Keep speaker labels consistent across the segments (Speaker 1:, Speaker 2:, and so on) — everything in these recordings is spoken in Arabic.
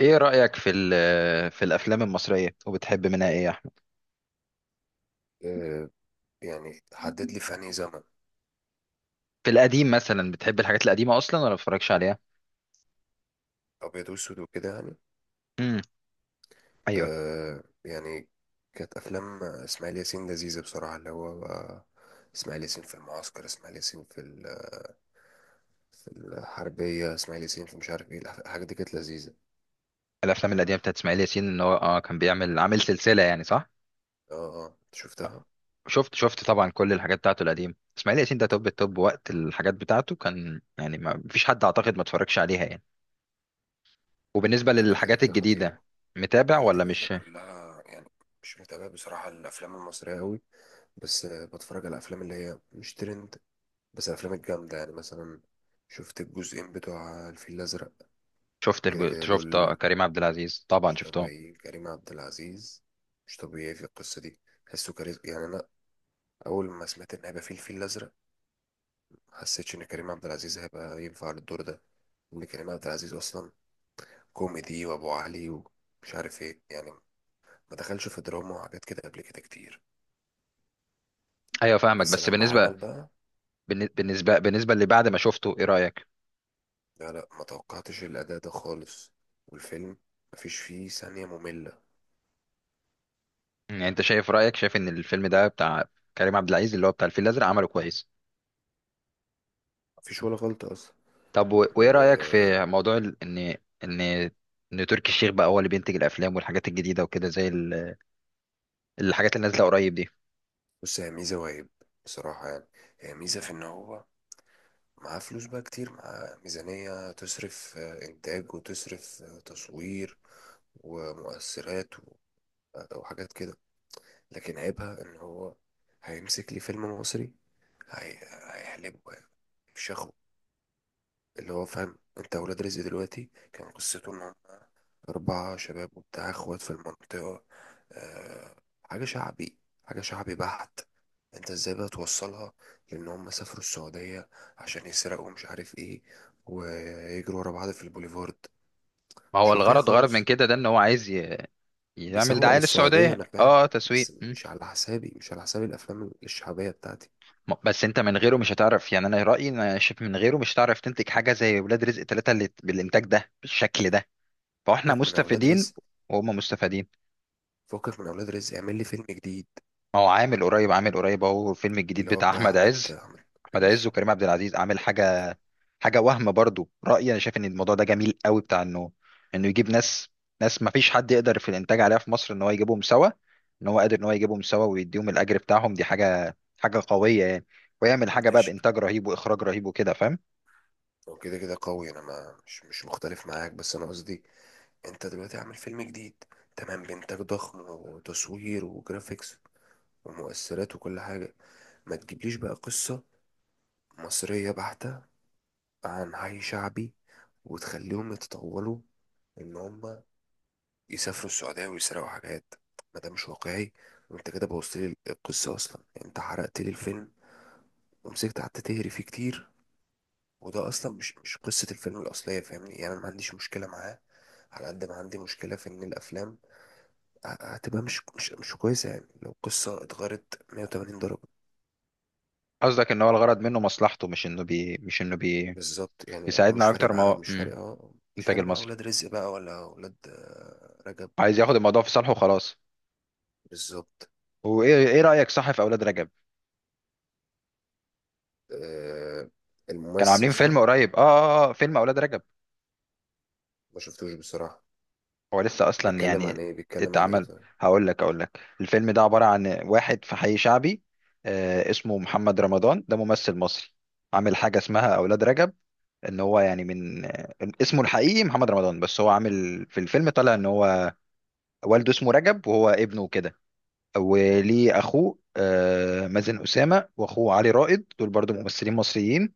Speaker 1: ايه رأيك في الافلام المصرية؟ وبتحب منها ايه يا احمد؟
Speaker 2: آه، يعني حدد لي في انهي زمن.
Speaker 1: في القديم مثلا، بتحب الحاجات القديمة اصلا ولا ما بتتفرجش عليها؟
Speaker 2: ابيض واسود وكده يعني.
Speaker 1: امم ايوه.
Speaker 2: يعني كانت افلام اسماعيل ياسين لذيذه بصراحه اللي هو بقى اسماعيل ياسين في المعسكر، اسماعيل ياسين في الحربيه، اسماعيل ياسين في مش عارف ايه الحاجات دي كانت لذيذه.
Speaker 1: الافلام القديمة بتاعت اسماعيل ياسين، ان هو كان بيعمل عامل سلسلة يعني، صح؟
Speaker 2: اه أنت شفتها.
Speaker 1: شفت طبعا، كل الحاجات بتاعته القديمة. اسماعيل ياسين ده توب التوب وقت الحاجات بتاعته، كان يعني ما فيش حد اعتقد ما اتفرجش عليها يعني. وبالنسبة
Speaker 2: لا لا كده
Speaker 1: للحاجات
Speaker 2: كده
Speaker 1: الجديدة،
Speaker 2: خطيره
Speaker 1: متابع
Speaker 2: الحاجات
Speaker 1: ولا
Speaker 2: دي كده
Speaker 1: مش؟
Speaker 2: كلها يعني. مش متابع بصراحه الافلام المصريه قوي، بس بتفرج على الافلام اللي هي مش ترند، بس الافلام الجامده يعني مثلا. شفت الجزئين بتوع الفيل الازرق.
Speaker 1: شفت
Speaker 2: كده
Speaker 1: الج-
Speaker 2: كده
Speaker 1: شفت آه،
Speaker 2: دول
Speaker 1: كريم عبد العزيز طبعا
Speaker 2: مش
Speaker 1: شفتهم.
Speaker 2: طبيعيين، كريم عبد العزيز مش طبيعي في القصة دي. حسه كاريزما يعني. أنا أول ما سمعت إن هيبقى فيه الفيل الأزرق ما حسيتش إن كريم عبد العزيز هيبقى ينفع للدور ده، إن كريم عبد العزيز أصلا كوميدي وأبو علي ومش عارف إيه يعني، ما دخلش في دراما وحاجات كده قبل كده كتير.
Speaker 1: ايوه فاهمك.
Speaker 2: بس
Speaker 1: بس
Speaker 2: لما
Speaker 1: بالنسبة
Speaker 2: عمل بقى،
Speaker 1: بالن- بالنسبة بالنسبة باللي بعد ما شفته ايه رأيك؟
Speaker 2: لا لا ما توقعتش الأداء ده خالص، والفيلم مفيش فيه ثانية مملة.
Speaker 1: يعني انت شايف، رأيك ان الفيلم ده بتاع كريم عبد العزيز اللي هو بتاع الفيل الازرق عمله كويس؟
Speaker 2: مفيش ولا غلطة أصلا.
Speaker 1: طب، وايه
Speaker 2: و
Speaker 1: رأيك في موضوع ان ان تركي الشيخ بقى هو اللي بينتج الافلام والحاجات الجديده وكده، زي الحاجات اللي نازله قريب دي؟
Speaker 2: بص هي ميزة وعيب بصراحة يعني. هي ميزة في إن هو معاه فلوس بقى كتير، معاه ميزانية تصرف، إنتاج وتصرف، تصوير ومؤثرات وحاجات كده. لكن عيبها إن هو هيمسك لي فيلم مصري. هي... هيحلبه يعني، مش ياخد اللي هو فاهم انت. ولاد رزق دلوقتي كان قصته ان أربعة شباب وبتاع إخوات في المنطقة. أه، حاجة شعبي، حاجة شعبي بحت. أنت إزاي بقى توصلها لأن هم سافروا السعودية عشان يسرقوا مش عارف إيه، ويجروا ورا بعض في البوليفارد؟
Speaker 1: ما هو
Speaker 2: مش واقعي
Speaker 1: الغرض من
Speaker 2: خالص.
Speaker 1: كده، ده ان هو عايز يعمل
Speaker 2: بيسوق
Speaker 1: دعايه
Speaker 2: للسعودية
Speaker 1: للسعوديه،
Speaker 2: أنا فاهم،
Speaker 1: تسويق.
Speaker 2: بس مش على حسابي، مش على حساب الأفلام الشعبية بتاعتي.
Speaker 1: بس انت من غيره مش هتعرف. يعني انا رايي، إن انا شايف من غيره مش هتعرف تنتج حاجه زي ولاد رزق ثلاثة اللي بالانتاج ده بالشكل ده. فاحنا
Speaker 2: فكك من أولاد
Speaker 1: مستفيدين
Speaker 2: رزق.
Speaker 1: وهم مستفيدين.
Speaker 2: فكك من أولاد رزق، اعمل لي فيلم جديد.
Speaker 1: هو عامل قريب اهو الفيلم الجديد
Speaker 2: اللي هو
Speaker 1: بتاع
Speaker 2: بتاع
Speaker 1: احمد
Speaker 2: أحمد
Speaker 1: عز.
Speaker 2: أحمد
Speaker 1: احمد عز
Speaker 2: ماشي.
Speaker 1: وكريم عبد العزيز عامل حاجه. وهم برضو، رايي انا شايف ان الموضوع ده جميل قوي، بتاع انه يجيب ناس، ما فيش حد يقدر في الانتاج عليها في مصر ان هو يجيبهم سوا. ان هو قادر ان هو يجيبهم سوا ويديهم الاجر بتاعهم، دي حاجه قويه يعني. ويعمل حاجه بقى
Speaker 2: ماشي.
Speaker 1: بانتاج رهيب واخراج رهيب وكده، فاهم؟
Speaker 2: هو كده كده قوي، أنا ما مش مش مختلف معاك، بس أنا قصدي انت دلوقتي عامل فيلم جديد، تمام، بإنتاج ضخم وتصوير وجرافيكس ومؤثرات وكل حاجة، ما تجيبليش بقى قصة مصرية بحتة عن حي شعبي وتخليهم يتطولوا ان هم يسافروا السعودية ويسرقوا حاجات. ما ده مش واقعي. وانت كده بوظت لي القصة اصلا، انت حرقت لي الفيلم، ومسكت قعدت تهري فيه كتير، وده اصلا مش مش قصة الفيلم الاصلية. فاهمني يعني، انا ما عنديش مشكلة معاه على قد ما عندي مشكلة في ان الافلام هتبقى مش كويسة، يعني لو قصة اتغيرت 180 درجة.
Speaker 1: قصدك ان هو الغرض منه مصلحته، مش انه
Speaker 2: بالظبط يعني هو مش
Speaker 1: بيساعدنا
Speaker 2: فارق
Speaker 1: اكتر ما
Speaker 2: معاه،
Speaker 1: هو.
Speaker 2: مش فارق، اه مش
Speaker 1: الانتاج
Speaker 2: فارق معاه
Speaker 1: المصري
Speaker 2: ولاد رزق بقى ولا ولاد رجب.
Speaker 1: عايز ياخد الموضوع في صالحه وخلاص.
Speaker 2: بالظبط.
Speaker 1: وايه رايك، صح، في اولاد رجب؟
Speaker 2: آه،
Speaker 1: كانوا
Speaker 2: الممثل
Speaker 1: عاملين فيلم
Speaker 2: صح.
Speaker 1: قريب، فيلم اولاد رجب.
Speaker 2: ما شفتوش بصراحة.
Speaker 1: هو لسه اصلا يعني
Speaker 2: بيتكلم عن ايه
Speaker 1: اتعمل.
Speaker 2: طيب؟
Speaker 1: هقول لك اقول لك الفيلم ده عبارة عن واحد في حي شعبي. اسمه محمد رمضان، ده ممثل مصري. عامل حاجة اسمها اولاد رجب. ان هو يعني من اسمه الحقيقي محمد رمضان، بس هو عامل في الفيلم طالع ان هو والده اسمه رجب وهو ابنه كده.
Speaker 2: اه
Speaker 1: وليه اخوه مازن اسامه، واخوه علي رائد، دول برضو ممثلين مصريين.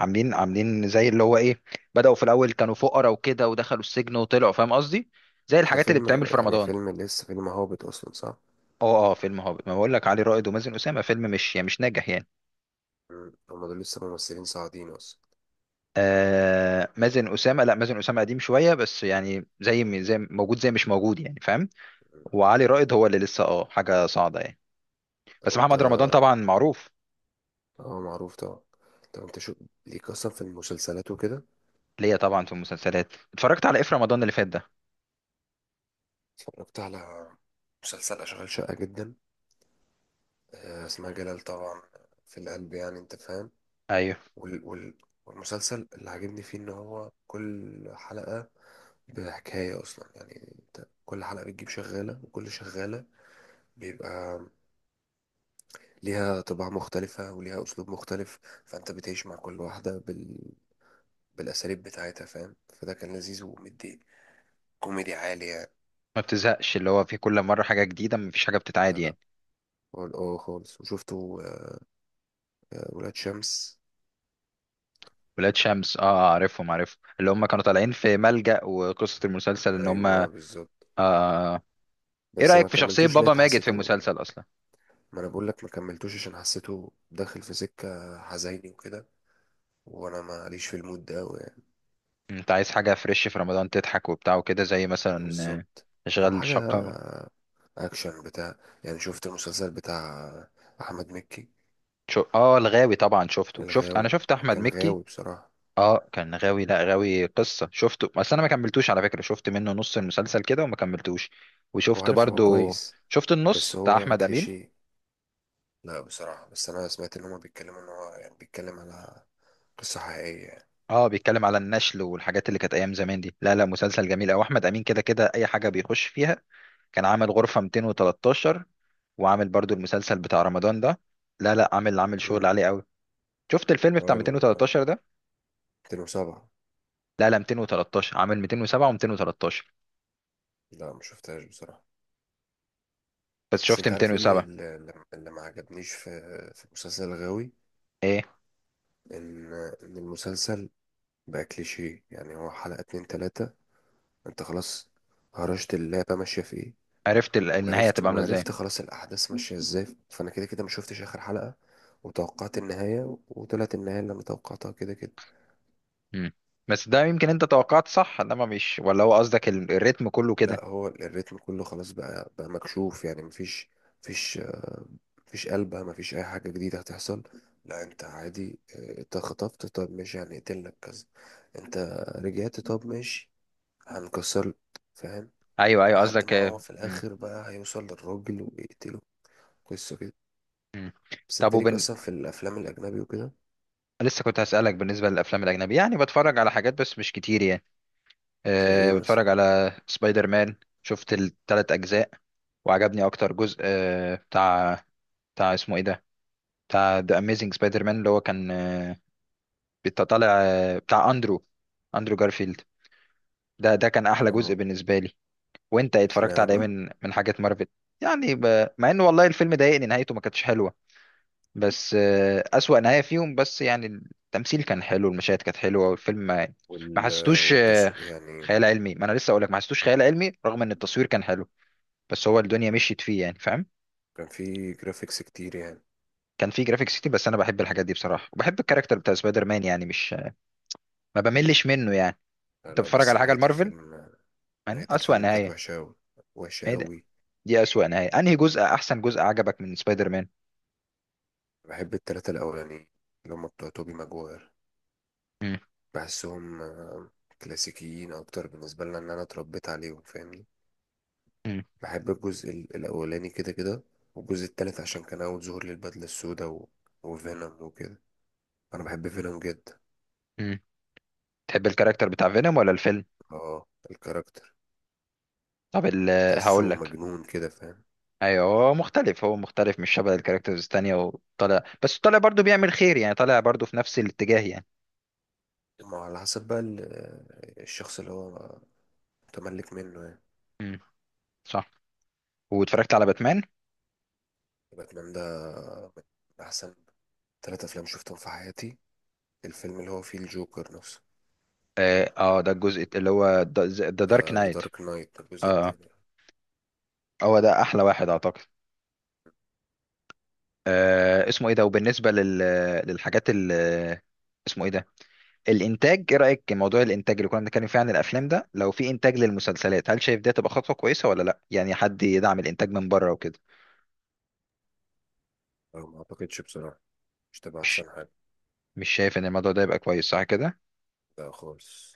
Speaker 1: عاملين زي اللي هو ايه، بدأوا في الاول كانوا فقراء وكده، ودخلوا السجن وطلعوا، فاهم قصدي؟ زي
Speaker 2: بس ده
Speaker 1: الحاجات اللي
Speaker 2: فيلم،
Speaker 1: بتعمل في
Speaker 2: يعني
Speaker 1: رمضان.
Speaker 2: فيلم لسه، فيلم هابط اصلا صح.
Speaker 1: اه فيلم هابط، ما بقول لك علي رائد ومازن اسامه، فيلم مش يعني مش ناجح يعني.
Speaker 2: هما دول لسه ممثلين صاعدين اصلا.
Speaker 1: مازن اسامه، لا مازن اسامه قديم شويه بس، يعني زي موجود زي مش موجود يعني، فاهم؟ وعلي رائد هو اللي لسه حاجه صاعده يعني.
Speaker 2: طب
Speaker 1: بس
Speaker 2: انت.
Speaker 1: محمد رمضان طبعا معروف.
Speaker 2: اه معروف طبعا. طب انت شو ليك اصلا في المسلسلات وكده.
Speaker 1: ليا طبعا في المسلسلات، اتفرجت على ايه في رمضان اللي فات ده.
Speaker 2: اتفرجت على مسلسل اشغال شقة جدا، اسمها جلال طبعا، في القلب يعني انت فاهم.
Speaker 1: ايوه.
Speaker 2: وال والمسلسل اللي عاجبني فيه ان هو كل حلقة بحكاية اصلا، يعني انت كل حلقة بتجيب شغالة، وكل شغالة بيبقى ليها طباع مختلفة وليها اسلوب مختلف، فانت بتعيش مع كل واحدة بالاساليب بتاعتها فاهم، فده كان لذيذ ومدي كوميدي عالي يعني.
Speaker 1: ما بتزهقش، اللي هو في كل مره حاجه جديده، مفيش حاجه بتتعاد
Speaker 2: لا لا.
Speaker 1: يعني.
Speaker 2: اه خالص، وشفته ولاد شمس.
Speaker 1: ولاد شمس، عارفهم، اللي هم كانوا طالعين في ملجأ، وقصة المسلسل ان هم
Speaker 2: ايوه بالظبط.
Speaker 1: آه، ايه
Speaker 2: بس ما
Speaker 1: رأيك في شخصية
Speaker 2: كملتوش،
Speaker 1: بابا
Speaker 2: لقيت
Speaker 1: ماجد في
Speaker 2: حسيته.
Speaker 1: المسلسل اصلا؟
Speaker 2: ما انا بقول لك ما كملتوش عشان حسيته داخل في سكة حزيني وكده، وانا ماليش في المود ده أوي يعني.
Speaker 1: انت عايز حاجة فريش في رمضان تضحك وبتاع وكده، زي مثلا
Speaker 2: بالظبط. او
Speaker 1: اشغال
Speaker 2: حاجة
Speaker 1: شقة.
Speaker 2: اكشن بتاع، يعني شفت المسلسل بتاع احمد مكي؟
Speaker 1: شو... اه الغاوي طبعا شفته، شفت انا
Speaker 2: الغاوي.
Speaker 1: شفت احمد
Speaker 2: وكان
Speaker 1: مكي.
Speaker 2: غاوي بصراحة.
Speaker 1: اه كان غاوي، لا غاوي قصة شفته، بس انا ما كملتوش على فكرة، شفت منه نص المسلسل كده وما كملتوش. وشفت
Speaker 2: وعارف هو
Speaker 1: برضو،
Speaker 2: كويس،
Speaker 1: شفت
Speaker 2: بس
Speaker 1: النص بتاع
Speaker 2: هو
Speaker 1: احمد امين.
Speaker 2: كليشيه. لا بصراحة، بس انا سمعت ان هما بيتكلموا ان هو يعني بيتكلم على قصة حقيقية يعني.
Speaker 1: اه بيتكلم على النشل والحاجات اللي كانت ايام زمان دي. لا لا، مسلسل جميل قوي، احمد امين كده كده اي حاجه بيخش فيها. كان عامل غرفه 213، وعامل برضو المسلسل بتاع رمضان ده. لا لا، عامل شغل
Speaker 2: امم
Speaker 1: عالي قوي. شفت الفيلم بتاع
Speaker 2: هو ال
Speaker 1: 213 ده.
Speaker 2: 2007؟
Speaker 1: لا لا، 213 عامل 207 و213،
Speaker 2: لا ما شفتهاش بصراحة.
Speaker 1: بس
Speaker 2: بس
Speaker 1: شفت
Speaker 2: انت عارف ايه اللي
Speaker 1: 207.
Speaker 2: اللي اللي ما عجبنيش في في مسلسل الغاوي؟
Speaker 1: ايه؟
Speaker 2: ان ان المسلسل بقى كليشيه، يعني هو حلقة اتنين تلاتة انت خلاص هرشت اللعبة ماشية في ايه.
Speaker 1: عرفت النهايه
Speaker 2: وعرفت
Speaker 1: هتبقى عامله ازاي.
Speaker 2: وعرفت خلاص الاحداث ماشية ازاي، فانا كده كده ما شفتش اخر حلقة، وتوقعت النهاية، وطلعت النهاية اللي انا توقعتها كده كده.
Speaker 1: مم. بس ده يمكن انت توقعت صح، انما مش، ولا هو قصدك الريتم كله كده؟
Speaker 2: لا هو الريتم كله خلاص بقى مكشوف، يعني مفيش، مفيش آه، مفيش قلبة، مفيش اي حاجة جديدة هتحصل. لا انت عادي، انت خطفت، طب ماشي هنقتلك كذا، انت رجعت، طب ماشي هنكسر، فاهم؟
Speaker 1: ايوه ايوه،
Speaker 2: لحد
Speaker 1: قصدك.
Speaker 2: ما هو في الاخر بقى هيوصل للراجل ويقتله. قصة كده.
Speaker 1: مم.
Speaker 2: بس
Speaker 1: طب،
Speaker 2: انت ليك اصلا في الافلام الاجنبي وكده؟
Speaker 1: لسه كنت هسألك بالنسبة للأفلام الأجنبي. يعني بتفرج على حاجات بس مش كتير يعني؟
Speaker 2: زي ايه
Speaker 1: بتفرج
Speaker 2: مثلا؟
Speaker 1: على سبايدر مان. شفت التلات أجزاء، وعجبني أكتر جزء أه بتاع بتاع اسمه إيه ده، بتاع ذا أميزنج سبايدر مان، اللي هو كان طالع بتاع أندرو جارفيلد. ده كان أحلى جزء
Speaker 2: اه،
Speaker 1: بالنسبة لي. وأنت اتفرجت
Speaker 2: اشمعنى
Speaker 1: على إيه
Speaker 2: بقى.
Speaker 1: من حاجات مارفل؟ يعني، مع إن والله الفيلم ضايقني، نهايته ما كانتش حلوة. بس أسوأ نهاية فيهم بس يعني. التمثيل كان حلو، المشاهد كانت حلوة، والفيلم ما يعني، ما
Speaker 2: وال
Speaker 1: حسيتوش
Speaker 2: والتصوير يعني.
Speaker 1: خيال علمي، ما أنا لسه أقولك ما حسيتوش خيال علمي رغم إن التصوير كان حلو. بس هو الدنيا مشيت فيه يعني، فاهم؟
Speaker 2: كان في جرافيكس كتير يعني.
Speaker 1: كان فيه جرافيكس كتير، بس أنا بحب الحاجات دي بصراحة، وبحب الكاركتر بتاع سبايدر مان يعني، مش، ما بملش منه يعني.
Speaker 2: لا
Speaker 1: أنت
Speaker 2: لا،
Speaker 1: بتتفرج
Speaker 2: بس
Speaker 1: على حاجة
Speaker 2: نهاية
Speaker 1: لمارفل،
Speaker 2: الفيلم،
Speaker 1: يعني
Speaker 2: نهاية
Speaker 1: أسوأ
Speaker 2: الفيلم كانت
Speaker 1: نهاية،
Speaker 2: وحشة أوي، وحشة
Speaker 1: إيه ده؟
Speaker 2: أوي.
Speaker 1: دي أسوأ نهاية. أنهي جزء أحسن جزء عجبك من سبايدر مان؟
Speaker 2: بحب التلاتة الأولانيين اللي هما بتوع توبي ماجواير.
Speaker 1: مم.
Speaker 2: بحسهم كلاسيكيين أكتر بالنسبة لنا، إن أنا اتربيت عليهم فاهمني.
Speaker 1: مم.
Speaker 2: بحب الجزء الأولاني كده كده، والجزء التالت عشان كان أول ظهور للبدلة السوداء وفينوم وكده. أنا بحب فينوم جدا.
Speaker 1: مم. تحب الكاركتر بتاع فينوم ولا الفيلم؟
Speaker 2: اه الكاركتر.
Speaker 1: طب،
Speaker 2: تحسه
Speaker 1: هقولك،
Speaker 2: مجنون كده فاهم.
Speaker 1: ايوه، هو مختلف، مش شبه الكاركترز التانية، وطالع بس طالع برضو بيعمل خير يعني، طالع برضو في نفس الاتجاه يعني.
Speaker 2: ما هو على حسب بقى الشخص اللي هو متملك منه يعني.
Speaker 1: امم صح. واتفرجت على باتمان.
Speaker 2: باتمان ده من أحسن تلات أفلام شفتهم في حياتي، الفيلم اللي هو فيه الجوكر نفسه.
Speaker 1: ده الجزء اللي هو ذا دارك
Speaker 2: ذا
Speaker 1: نايت.
Speaker 2: دارك نايت، الجزء
Speaker 1: اه آه.
Speaker 2: التاني.
Speaker 1: هو ده احلى واحد اعتقد. اسمه ايه ده، وبالنسبة للحاجات، اسمه ايه ده؟ الانتاج، ايه رأيك موضوع الانتاج اللي كنا بنتكلم فيه عن الافلام ده، لو في انتاج للمسلسلات هل شايف ده تبقى خطوة كويسة ولا لا، يعني حد يدعم الانتاج من بره وكده؟
Speaker 2: أنا ما أعتقدش بصراحة، مش تبقى
Speaker 1: مش
Speaker 2: أحسن حاجة.
Speaker 1: مش شايف ان الموضوع ده يبقى كويس، صح كده؟
Speaker 2: ده خالص.